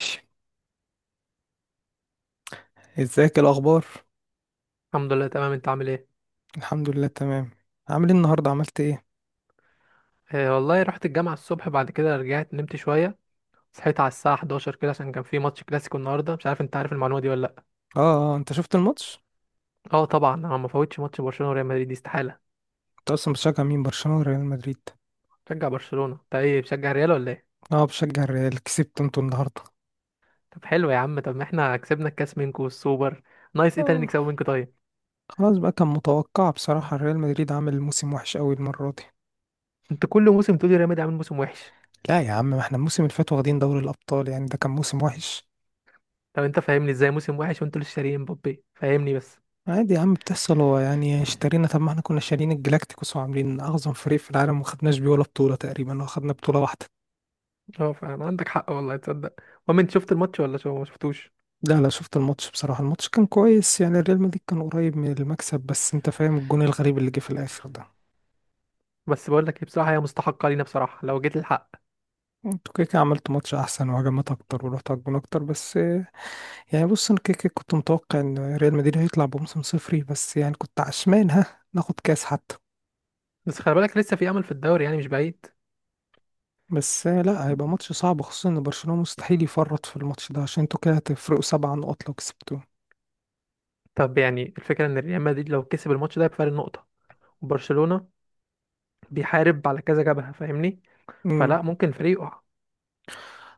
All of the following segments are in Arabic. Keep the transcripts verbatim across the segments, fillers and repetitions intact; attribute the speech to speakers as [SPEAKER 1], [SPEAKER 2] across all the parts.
[SPEAKER 1] ماشي. ازيك الاخبار؟
[SPEAKER 2] الحمد لله، تمام. انت عامل ايه؟
[SPEAKER 1] الحمد لله تمام. عامل ايه النهارده؟ عملت ايه؟
[SPEAKER 2] آه والله، رحت الجامعة الصبح، بعد كده رجعت نمت شوية. صحيت على الساعة حداشر كده، عشان كان في ماتش كلاسيكو النهاردة. مش عارف انت عارف المعلومة دي ولا لأ؟
[SPEAKER 1] اه اه، انت شفت الماتش؟
[SPEAKER 2] اه طبعا، انا ما فوتش ماتش برشلونة وريال مدريد، دي استحالة.
[SPEAKER 1] انت اصلا بتشجع مين، برشلونه ولا ريال مدريد؟
[SPEAKER 2] بشجع برشلونة. انت ايه، بتشجع ريال ولا ايه؟
[SPEAKER 1] اه، بشجع الريال. كسبت انتوا النهارده؟
[SPEAKER 2] طب حلو يا عم. طب ما احنا كسبنا الكاس منكو والسوبر. نايس. ايه تاني
[SPEAKER 1] آه.
[SPEAKER 2] نكسبه منكو طيب؟
[SPEAKER 1] خلاص بقى، كان متوقع بصراحه، ريال مدريد عامل موسم وحش قوي المره دي.
[SPEAKER 2] انت كل موسم تقولي ريال مدريد عامل موسم وحش.
[SPEAKER 1] لا يا عم، ما احنا الموسم اللي فات واخدين دوري الابطال، يعني ده كان موسم وحش؟
[SPEAKER 2] طب انت فاهمني ازاي موسم وحش وانتوا لسه شاريين مبابي؟ فاهمني بس.
[SPEAKER 1] عادي يا عم بتحصل، هو يعني اشترينا، طب ما احنا كنا شارين الجلاكتيكوس وعاملين اعظم فريق في العالم وما خدناش بيه ولا بطوله تقريبا، ولا خدنا بطوله واحده.
[SPEAKER 2] اه فاهم، عندك حق والله، تصدق. المهم، انت شفت الماتش ولا شو، ما شفتوش؟
[SPEAKER 1] لا لا، شفت الماتش. بصراحة الماتش كان كويس، يعني الريال مدريد كان قريب من المكسب، بس انت فاهم الجون الغريب اللي جه في الاخر ده.
[SPEAKER 2] بس بقول لك إيه، بصراحه هي مستحقه لينا بصراحه لو جيت الحق.
[SPEAKER 1] انتوا كده كده عملتوا ماتش احسن وهجمات اكتر ورحتوا على الجون اكتر، بس آه، يعني بص، انا كده كده كنت متوقع ان ريال مدريد هيطلع بموسم صفري، بس يعني كنت عشمان ها ناخد كاس حتى.
[SPEAKER 2] بس خلي بالك، لسه في امل في الدوري، يعني مش بعيد.
[SPEAKER 1] بس آه، لا، هيبقى ماتش صعب، خصوصا ان برشلونة مستحيل يفرط في الماتش ده، عشان انتوا كده هتفرقوا سبع نقط لو كسبتوه.
[SPEAKER 2] طب يعني الفكره، ان ريال مدريد لو كسب الماتش ده بفارق نقطه، وبرشلونه بيحارب على كذا جبهه، فاهمني؟
[SPEAKER 1] امم
[SPEAKER 2] فلا ممكن الفريق يقع.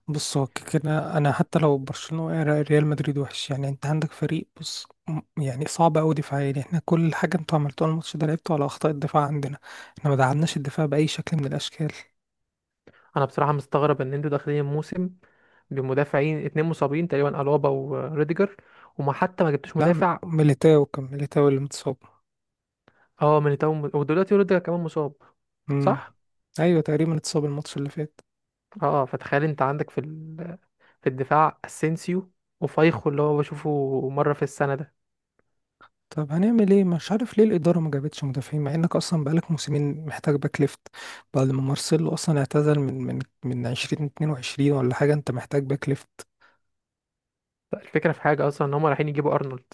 [SPEAKER 1] بص، هو كده انا حتى لو برشلونه وقع، ريال مدريد وحش، يعني انت عندك فريق بص م- يعني صعب قوي دفاعيا، يعني احنا كل حاجه انتوا عملتوها الماتش ده لعبتوا على اخطاء الدفاع عندنا. احنا ما دعمناش الدفاع باي شكل من الاشكال.
[SPEAKER 2] انا بصراحه مستغرب ان انتوا داخلين الموسم بمدافعين اتنين مصابين تقريبا، الابا وريديجر، وما حتى ما جبتوش
[SPEAKER 1] لا، م-
[SPEAKER 2] مدافع.
[SPEAKER 1] ميليتاو، كان ميليتاو اللي متصاب.
[SPEAKER 2] اه ميليتاو، م- ودلوقتي روديجر كمان مصاب،
[SPEAKER 1] امم
[SPEAKER 2] صح.
[SPEAKER 1] ايوه، تقريبا اتصاب الماتش اللي فات.
[SPEAKER 2] اه فتخيل، انت عندك في ال... في الدفاع اسينسيو، وفايخو اللي هو بشوفه مره في السنه ده.
[SPEAKER 1] طب هنعمل ايه؟ مش عارف ليه الاداره ما جابتش مدافعين، مع انك اصلا بقالك موسمين محتاج باك ليفت، بعد ما مارسيلو اصلا اعتزل من من من ألفين واتنين وعشرين ولا حاجه. انت محتاج باك ليفت.
[SPEAKER 2] الفكرة في حاجة أصلا، إن هما رايحين يجيبوا أرنولد.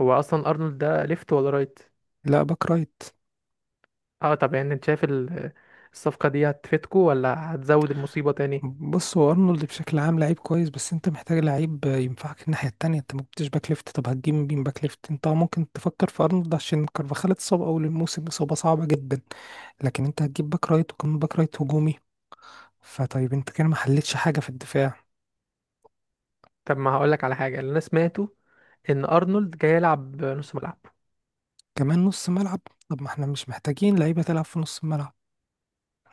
[SPEAKER 2] هو أصلا أرنولد ده ليفت ولا رايت؟
[SPEAKER 1] لا، باك رايت.
[SPEAKER 2] اه طب، يعني أنت شايف ال- الصفقة دي هتفيدكوا ولا هتزود المصيبة تاني؟
[SPEAKER 1] بص، هو ارنولد بشكل عام لعيب كويس، بس انت محتاج لعيب ينفعك الناحيه التانية، انت ما جبتش باك ليفت، طب هتجيب مين باك ليفت؟ انت ممكن تفكر في ارنولد عشان كارفاخال اتصاب اول الموسم اصابه صعبه جدا، لكن انت هتجيب باك رايت وكمان باك رايت هجومي، فطيب انت كده ما حلتش حاجه في الدفاع.
[SPEAKER 2] طب ما هقولك على حاجة اللي أنا سمعته، إن أرنولد جاي يلعب نص ملعب.
[SPEAKER 1] كمان نص ملعب؟ طب ما احنا مش محتاجين لعيبه تلعب في نص الملعب،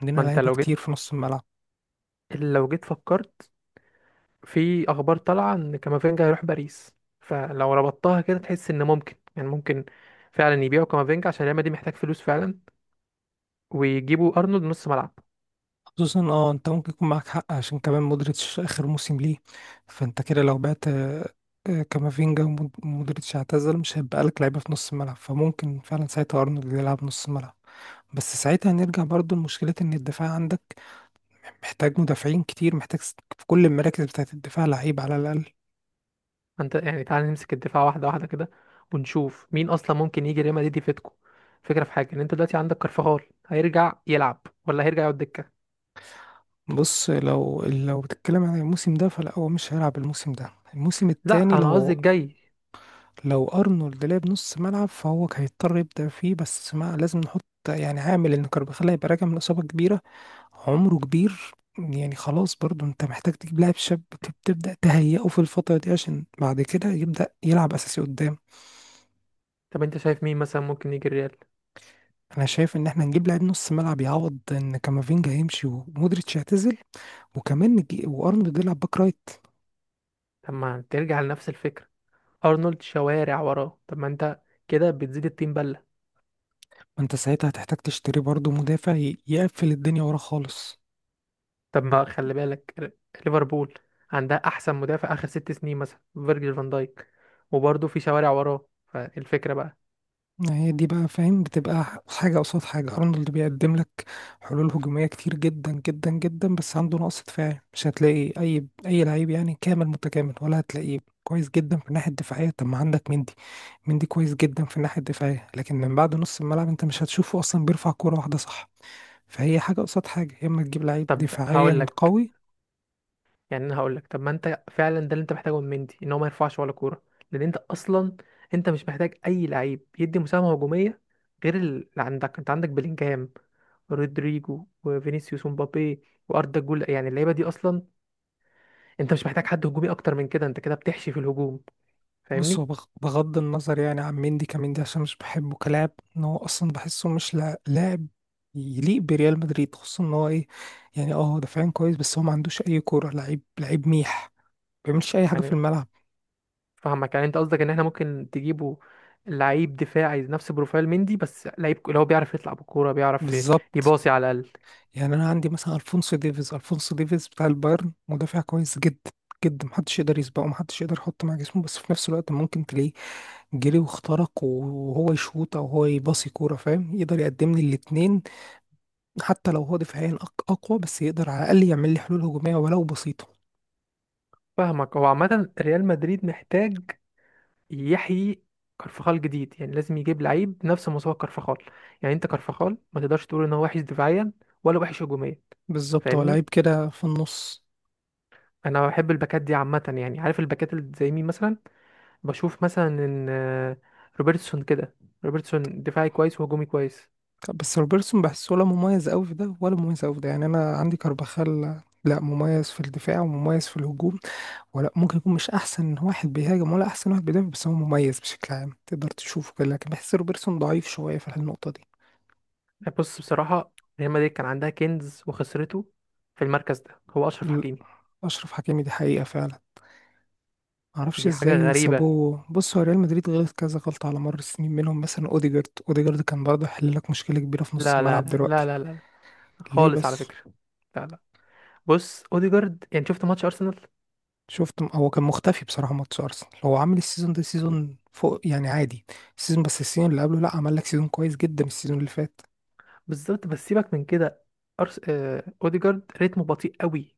[SPEAKER 1] عندنا
[SPEAKER 2] ما أنت
[SPEAKER 1] لعيبه
[SPEAKER 2] لو
[SPEAKER 1] كتير
[SPEAKER 2] جيت
[SPEAKER 1] في نص الملعب.
[SPEAKER 2] لو جيت فكرت في أخبار طالعة إن كامافينجا هيروح باريس، فلو ربطتها كده تحس إن ممكن، يعني ممكن فعلا يبيعوا كامافينجا عشان ريال مدريد محتاج فلوس فعلا، ويجيبوا أرنولد نص ملعب.
[SPEAKER 1] خصوصا اه، انت ممكن يكون معاك حق، عشان كمان مودريتش اخر موسم ليه، فانت كده لو بعت آه، آه، كامافينجا ومود- ومودريتش اعتزل، مش هيبقى لك لعيبه في نص الملعب، فممكن فعلا ساعتها ارنولد يلعب نص ملعب. بس ساعتها هنرجع برضو لمشكله ان الدفاع عندك محتاج مدافعين كتير، محتاج س- في كل المراكز بتاعه الدفاع لعيب على الاقل.
[SPEAKER 2] انت يعني تعال نمسك الدفاع واحده واحده كده، ونشوف مين اصلا ممكن يجي ريال مدريد يفيدكم. فكره في حاجه، ان انت دلوقتي عندك كارفاخال، هيرجع يلعب ولا هيرجع يقعد دكه؟
[SPEAKER 1] بص، لو لو بتتكلم عن الموسم ده فلا، هو مش هيلعب الموسم ده، الموسم التاني.
[SPEAKER 2] لا، انا قصدي
[SPEAKER 1] لو
[SPEAKER 2] الجاي.
[SPEAKER 1] لو ارنولد لعب نص ملعب فهو كان هيضطر يبدأ فيه، بس ما لازم نحط، يعني عامل ان كارفاخال هيبقى راجع من اصابة كبيرة، عمره كبير، يعني خلاص برضو انت محتاج تجيب لاعب شاب تب- تبدأ تهيئه في الفترة دي عشان بعد كده يبدأ يلعب اساسي قدام.
[SPEAKER 2] طب انت شايف مين مثلا ممكن يجي الريال؟
[SPEAKER 1] انا شايف ان احنا نجيب لاعب نص ملعب يعوض ان كامافينجا هيمشي ومودريتش يعتزل، وكمان نجي وارنولد يلعب باك رايت.
[SPEAKER 2] طب ما ترجع لنفس الفكره، ارنولد شوارع وراه، طب ما انت كده بتزيد التيم بله.
[SPEAKER 1] ما انت ساعتها هتحتاج تشتري برضو مدافع ي- يقفل الدنيا ورا خالص.
[SPEAKER 2] طب ما خلي بالك، ر- ليفربول عندها احسن مدافع اخر ست سنين مثلا، فيرجيل فان دايك، وبرضه في شوارع وراه. فالفكره بقى.
[SPEAKER 1] هي دي بقى، فاهم؟ بتبقى ح- حاجة قصاد حاجة، أرنولد بيقدم لك حلول هجومية كتير جدا جدا جدا، بس عنده نقص دفاعي، مش هتلاقي أي أي لعيب يعني كامل متكامل، ولا هتلاقيه كويس جدا في الناحية الدفاعية. طب ما عندك مندي، مندي كويس جدا في الناحية الدفاعية لكن من بعد نص الملعب أنت مش هتشوفه، أصلا بيرفع كورة واحدة، صح؟ فهي حاجة قصاد حاجة، يا إما تجيب لعيب
[SPEAKER 2] طب هقول
[SPEAKER 1] دفاعيا
[SPEAKER 2] لك،
[SPEAKER 1] قوي.
[SPEAKER 2] يعني انا هقول لك، طب ما انت فعلا ده اللي انت محتاجه من مندي، ان هو ما يرفعش ولا كوره. لان انت اصلا، انت مش محتاج اي لعيب يدي مساهمه هجوميه غير اللي عندك. انت عندك بلينجهام، رودريجو، وفينيسيوس، ومبابي، واردا جول، يعني اللعيبه دي اصلا، انت مش محتاج حد هجومي اكتر من كده، انت كده بتحشي في الهجوم،
[SPEAKER 1] بص، هو
[SPEAKER 2] فاهمني؟
[SPEAKER 1] بغ- بغض النظر يعني عن مندي كمندي، عشان مش بحبه كلاعب، ان هو اصلا بحسه مش لا- لاعب يليق بريال مدريد، خصوصا ان هو ايه، يعني اه، دفاعيا كويس بس هو ما عندوش اي كوره، لعيب لعيب ميح، ما بيعملش اي حاجه في
[SPEAKER 2] يعني،
[SPEAKER 1] الملعب.
[SPEAKER 2] فاهمك، يعني انت قصدك ان احنا ممكن تجيبه لعيب دفاعي نفس بروفايل مندي، بس لعيب اللي هو بيعرف يطلع بالكوره، بيعرف
[SPEAKER 1] بالظبط.
[SPEAKER 2] يباصي على الاقل.
[SPEAKER 1] يعني انا عندي مثلا الفونسو ديفيز، الفونسو ديفيز بتاع البايرن مدافع كويس جدا جدا، محدش يقدر يسبقه، محدش يقدر يحط مع جسمه، بس في نفس الوقت ممكن تلاقيه جري واخترق، وهو يشوط او هو يباصي كوره، فاهم؟ يقدر يقدم لي الاتنين، حتى لو هو دفاعيا أق- أقوى، بس يقدر على الأقل يعمل لي حلول هجومية ولو بسيطة.
[SPEAKER 2] فاهمك، هو عامه ريال مدريد محتاج يحيي كرفخال جديد، يعني لازم يجيب لعيب نفس مستوى كرفخال. يعني انت كرفخال ما تقدرش تقول ان هو وحش دفاعيا ولا وحش هجوميا،
[SPEAKER 1] بالظبط، هو
[SPEAKER 2] فاهمني؟
[SPEAKER 1] لعيب كده في النص.
[SPEAKER 2] انا بحب الباكات دي عامه، يعني عارف الباكات اللي زي مين مثلا؟ بشوف مثلا ان آه، روبرتسون كده، روبرتسون دفاعي كويس وهجومي كويس.
[SPEAKER 1] بس روبرتسون بحسه، ولا مميز أوي في ده ولا مميز أوي في ده، يعني أنا عندي كارباخال لا مميز في الدفاع ومميز في الهجوم، ولا ممكن يكون مش أحسن واحد بيهاجم ولا أحسن واحد بيدافع، بس هو مميز بشكل عام تقدر تشوفه كده، لكن بحس روبرتسون ضعيف شوية في النقطة دي.
[SPEAKER 2] يعني بص بصراحه، ريال مدريد كان عندها كنز وخسرته في المركز ده، هو اشرف
[SPEAKER 1] ال-
[SPEAKER 2] حكيمي.
[SPEAKER 1] أشرف حكيمي دي حقيقة فعلا، معرفش
[SPEAKER 2] دي حاجه
[SPEAKER 1] ازاي
[SPEAKER 2] غريبه.
[SPEAKER 1] سابوه. بص، هو ريال مدريد غلط كذا غلطة على مر السنين، منهم مثلا اوديجارد، اوديجارد كان برضه يحل لك مشكلة كبيرة في نص
[SPEAKER 2] لا، لا،
[SPEAKER 1] الملعب
[SPEAKER 2] لا، لا،
[SPEAKER 1] دلوقتي.
[SPEAKER 2] لا، لا
[SPEAKER 1] ليه
[SPEAKER 2] خالص، على
[SPEAKER 1] بس؟
[SPEAKER 2] فكره. لا، لا، بص اوديجارد، يعني شفت ماتش ارسنال؟
[SPEAKER 1] شفت م- هو كان مختفي بصراحة ماتش ارسنال، هو عامل السيزون ده سيزون فوق يعني عادي السيزون، بس السيزون اللي قبله لا، عمل لك سيزون كويس جدا السيزون اللي فات.
[SPEAKER 2] بالظبط، بس سيبك من كده. أرس... آه... اوديجارد رتمه بطيء قوي.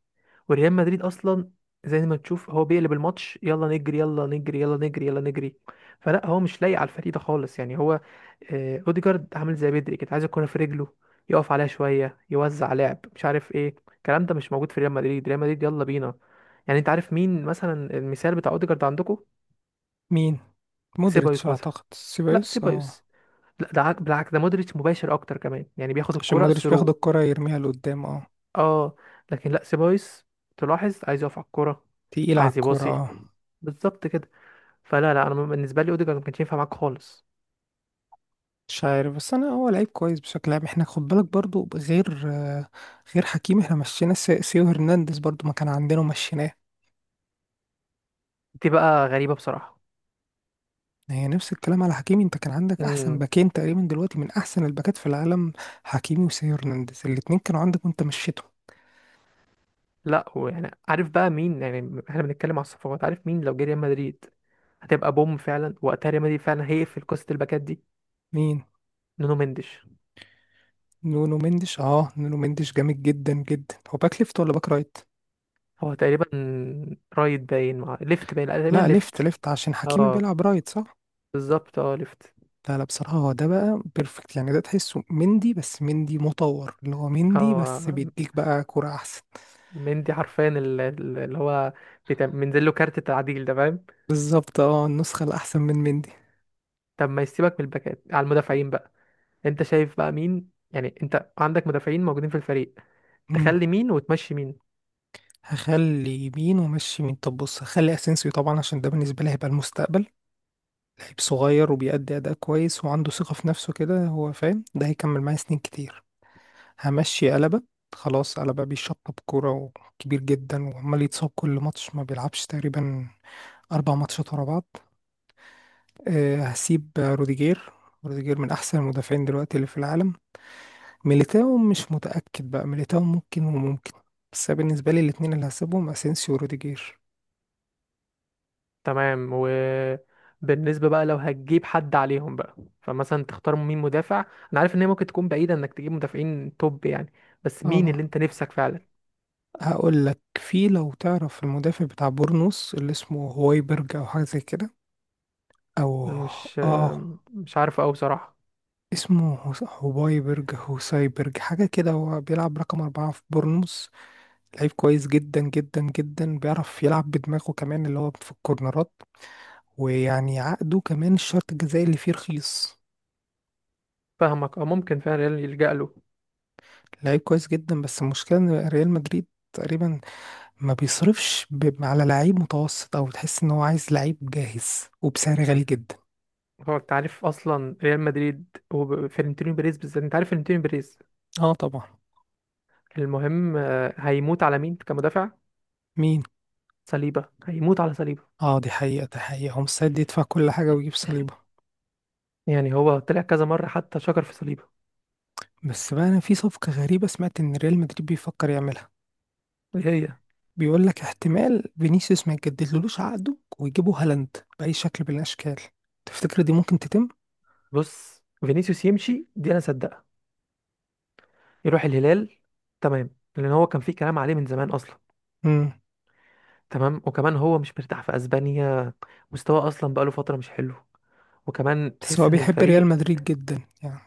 [SPEAKER 2] وريال مدريد اصلا، زي ما تشوف، هو بيقلب الماتش، يلا نجري، يلا نجري، يلا نجري، يلا نجري. فلا هو مش لايق على الفريق ده خالص، يعني هو، آه... اوديجارد عامل زي بدري كده، عايز الكوره في رجله، يقف عليها شويه، يوزع لعب، مش عارف ايه، الكلام ده مش موجود في ريال مدريد. ريال مدريد يلا بينا. يعني انت عارف مين مثلا المثال بتاع اوديجارد عندكم؟
[SPEAKER 1] مين؟ مودريتش
[SPEAKER 2] سيبايوس مثلا.
[SPEAKER 1] اعتقد،
[SPEAKER 2] لا
[SPEAKER 1] سيبايوس اه.
[SPEAKER 2] سيبايوس، لا ده عك- بالعكس، ده مودريتش مباشر اكتر كمان، يعني بياخد
[SPEAKER 1] عشان
[SPEAKER 2] الكرة
[SPEAKER 1] مودريتش بياخد
[SPEAKER 2] ثرو.
[SPEAKER 1] الكرة يرميها لقدام، اه.
[SPEAKER 2] اه، لكن لا، سيبايوس تلاحظ عايز يقف على الكرة،
[SPEAKER 1] تقيل على
[SPEAKER 2] عايز
[SPEAKER 1] الكرة
[SPEAKER 2] يباصي،
[SPEAKER 1] اه.
[SPEAKER 2] بالظبط كده. فلا، لا، انا بالنسبه لي اوديجارد ما كانش ينفع معاك خالص.
[SPEAKER 1] مش عارف، بس انا هو لعيب كويس بشكل عام. احنا خد بالك برضو غير آه، غير حكيمي، احنا مشينا سي- سيو هرنانديز برضو، ما كان عندنا ومشيناه.
[SPEAKER 2] دي بقى غريبه بصراحه.
[SPEAKER 1] هي نفس الكلام على حكيمي، انت كان عندك احسن
[SPEAKER 2] امم.
[SPEAKER 1] باكين تقريبا دلوقتي من احسن الباكات في العالم، حكيمي وسيو هرنانديز، الاتنين كانوا عندك وانت مشيتهم.
[SPEAKER 2] لا، ويعني عارف بقى مين؟ يعني احنا بنتكلم على الصفقات، عارف مين لو جه ريال مدريد هتبقى بوم فعلا؟ وقتها ريال مدريد فعلا هيقفل قصه الباكات دي.
[SPEAKER 1] مين؟
[SPEAKER 2] نونو مندش.
[SPEAKER 1] نونو مندش؟ اه نونو مندش جامد جدا جدا. هو باك ليفت ولا باك رايت؟
[SPEAKER 2] هو تقريبا رايت باين مع ليفت باين، لا، تقريبا
[SPEAKER 1] لا ليفت،
[SPEAKER 2] ليفت.
[SPEAKER 1] ليفت عشان حكيمي
[SPEAKER 2] اه،
[SPEAKER 1] بيلعب رايت، صح.
[SPEAKER 2] بالظبط، اه ليفت.
[SPEAKER 1] لا لا بصراحة هو ده بقى بيرفكت، يعني ده تحسه مندي بس مندي مطور، اللي هو مندي بس
[SPEAKER 2] اه،
[SPEAKER 1] بيديك بقى كرة أحسن.
[SPEAKER 2] مندي حرفيا ال- ال- اللي هو بيت- منزل له كارت التعديل ده، فاهم؟
[SPEAKER 1] بالظبط اه، النسخة الأحسن من مندي.
[SPEAKER 2] طب ما يسيبك من الباكات، على المدافعين بقى. انت شايف بقى مين، يعني انت عندك مدافعين موجودين في الفريق،
[SPEAKER 1] مم.
[SPEAKER 2] تخلي مين وتمشي مين؟
[SPEAKER 1] هخلي يمين ومشي يمين. طب بص، هخلي أسينسيو طبعا، عشان ده بالنسبة لي هيبقى المستقبل، لعيب صغير وبيأدي أداء كويس وعنده ثقة في نفسه كده، هو فاهم، ده هيكمل معايا سنين كتير. همشي قلبة، خلاص قلبة بيشطب كورة وكبير جدا وعمال يتصاب كل ماتش، ما بيلعبش تقريبا أربع ماتشات ورا بعض. أه هسيب روديجير، روديجير من أحسن المدافعين دلوقتي اللي في العالم. ميليتاو مش متأكد بقى، ميليتاو ممكن وممكن. بس أنا بالنسبة لي الاتنين اللي هسيبهم اسينسيو وروديجير.
[SPEAKER 2] تمام، وبالنسبة بقى لو هتجيب حد عليهم بقى، فمثلا تختار مين مدافع؟ انا عارف ان هي ممكن تكون بعيدة انك تجيب مدافعين توب يعني، بس مين
[SPEAKER 1] اه
[SPEAKER 2] اللي انت نفسك فعلا؟
[SPEAKER 1] هقول لك، في لو تعرف المدافع بتاع بورنوس اللي اسمه هوايبرج او حاجة زي كده، او
[SPEAKER 2] مش
[SPEAKER 1] اه،
[SPEAKER 2] مش عارف قوي بصراحة.
[SPEAKER 1] اسمه هوس- هوايبرج، هوسايبرج حاجة كده، هو بيلعب رقم أربعة في بورنوس، لعيب كويس جدا جدا جدا، بيعرف يلعب بدماغه كمان اللي هو في الكورنرات، ويعني عقده كمان الشرط الجزائي اللي فيه رخيص.
[SPEAKER 2] فاهمك، اه ممكن فعلا يلجأ له.
[SPEAKER 1] لعيب كويس جدا بس المشكلة ان ريال مدريد تقريبا ما بيصرفش ب... على لعيب متوسط، او تحس ان هو عايز لعيب جاهز وبسعر غالي جدا.
[SPEAKER 2] هو انت عارف اصلا ريال مدريد وفلورنتينو بيريز بالذات؟ انت عارف فلورنتينو بيريز؟
[SPEAKER 1] اه طبعا.
[SPEAKER 2] المهم، آه، هيموت على مين كمدافع؟
[SPEAKER 1] مين؟
[SPEAKER 2] صليبه، هيموت على صليبه.
[SPEAKER 1] اه دي حقيقة دي حقيقة، هو مستعد يدفع كل حاجة ويجيب صليبة.
[SPEAKER 2] يعني هو طلع كذا مره حتى شكر في صليبه.
[SPEAKER 1] بس بقى انا في صفقة غريبة سمعت ان ريال مدريد بيفكر يعملها،
[SPEAKER 2] ايه هي؟
[SPEAKER 1] بيقول لك احتمال فينيسيوس ما يجددلوش عقده ويجيبوا هالاند بأي شكل من الاشكال. تفتكر دي ممكن تتم؟
[SPEAKER 2] بص، فينيسيوس يمشي دي انا صدقها، يروح الهلال، تمام. لان هو كان في كلام عليه من زمان اصلا.
[SPEAKER 1] امم.
[SPEAKER 2] تمام، وكمان هو مش مرتاح في اسبانيا، مستواه اصلا بقاله فتره مش حلو، وكمان
[SPEAKER 1] بس هو
[SPEAKER 2] تحس ان
[SPEAKER 1] بيحب ريال
[SPEAKER 2] الفريق،
[SPEAKER 1] مدريد جدا يعني.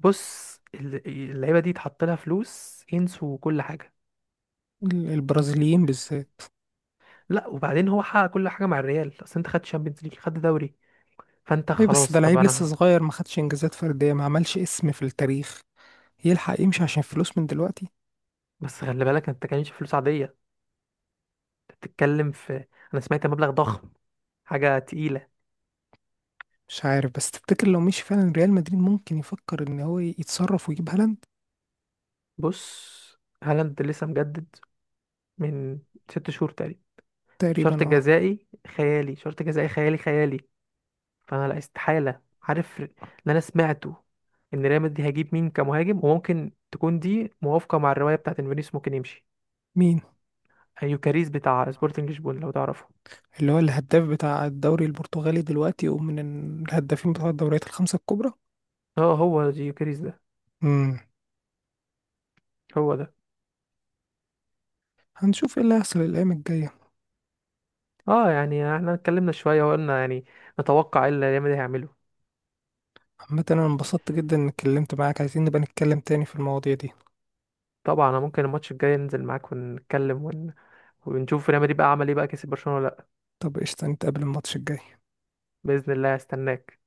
[SPEAKER 2] بص ال- اللعيبه دي اتحط لها فلوس، ينسوا كل حاجه.
[SPEAKER 1] ال- البرازيليين بالذات.
[SPEAKER 2] لا، وبعدين هو حقق كل حاجه مع الريال، اصل انت خدت شامبيونز ليج، خدت دوري، فانت
[SPEAKER 1] اي بس
[SPEAKER 2] خلاص.
[SPEAKER 1] ده
[SPEAKER 2] طب
[SPEAKER 1] لعيب لسه
[SPEAKER 2] انا،
[SPEAKER 1] صغير، ما خدش انجازات فرديه، ما عملش اسم في التاريخ، يلحق يمشي عشان فلوس من دلوقتي؟
[SPEAKER 2] بس خلي بالك، انت كانش فلوس عاديه، انت بتتكلم في، انا سمعت مبلغ ضخم، حاجه تقيله.
[SPEAKER 1] مش عارف، بس تفتكر لو مشي فعلا ريال مدريد ممكن يفكر ان هو يتصرف ويجيب هالاند؟
[SPEAKER 2] بص، هالاند لسه مجدد من ست شهور تقريبا، شرط
[SPEAKER 1] تقريبا اه.
[SPEAKER 2] جزائي خيالي، شرط جزائي خيالي خيالي. فانا لا، استحاله. عارف اللي انا سمعته، ان ريال مدريد هيجيب مين كمهاجم؟ وممكن تكون دي موافقه مع الروايه بتاعت انفينيس ممكن يمشي.
[SPEAKER 1] مين؟
[SPEAKER 2] آه، يوكاريز بتاع سبورتنج لشبونه، لو تعرفه؟
[SPEAKER 1] اللي هو الهداف بتاع الدوري البرتغالي دلوقتي ومن الهدافين بتوع الدوريات الخمسه الكبرى.
[SPEAKER 2] اه، هو يوكاريز ده،
[SPEAKER 1] امم.
[SPEAKER 2] هو ده.
[SPEAKER 1] هنشوف ايه اللي هيحصل الايام الجايه.
[SPEAKER 2] اه، يعني احنا اتكلمنا شوية وقلنا يعني نتوقع ايه اللي ريال مدريد هيعمله.
[SPEAKER 1] عامه انا انبسطت جدا اني اتكلمت معاك، عايزين نبقى نتكلم تاني في المواضيع دي.
[SPEAKER 2] طبعا، انا ممكن الماتش الجاي ننزل معاك ونتكلم ون... ونشوف ريال مدريد بقى عمل ايه، بقى كسب برشلونة ولا لا.
[SPEAKER 1] طب قشطه، نتقابل الماتش الجاي.
[SPEAKER 2] بإذن الله، هستناك.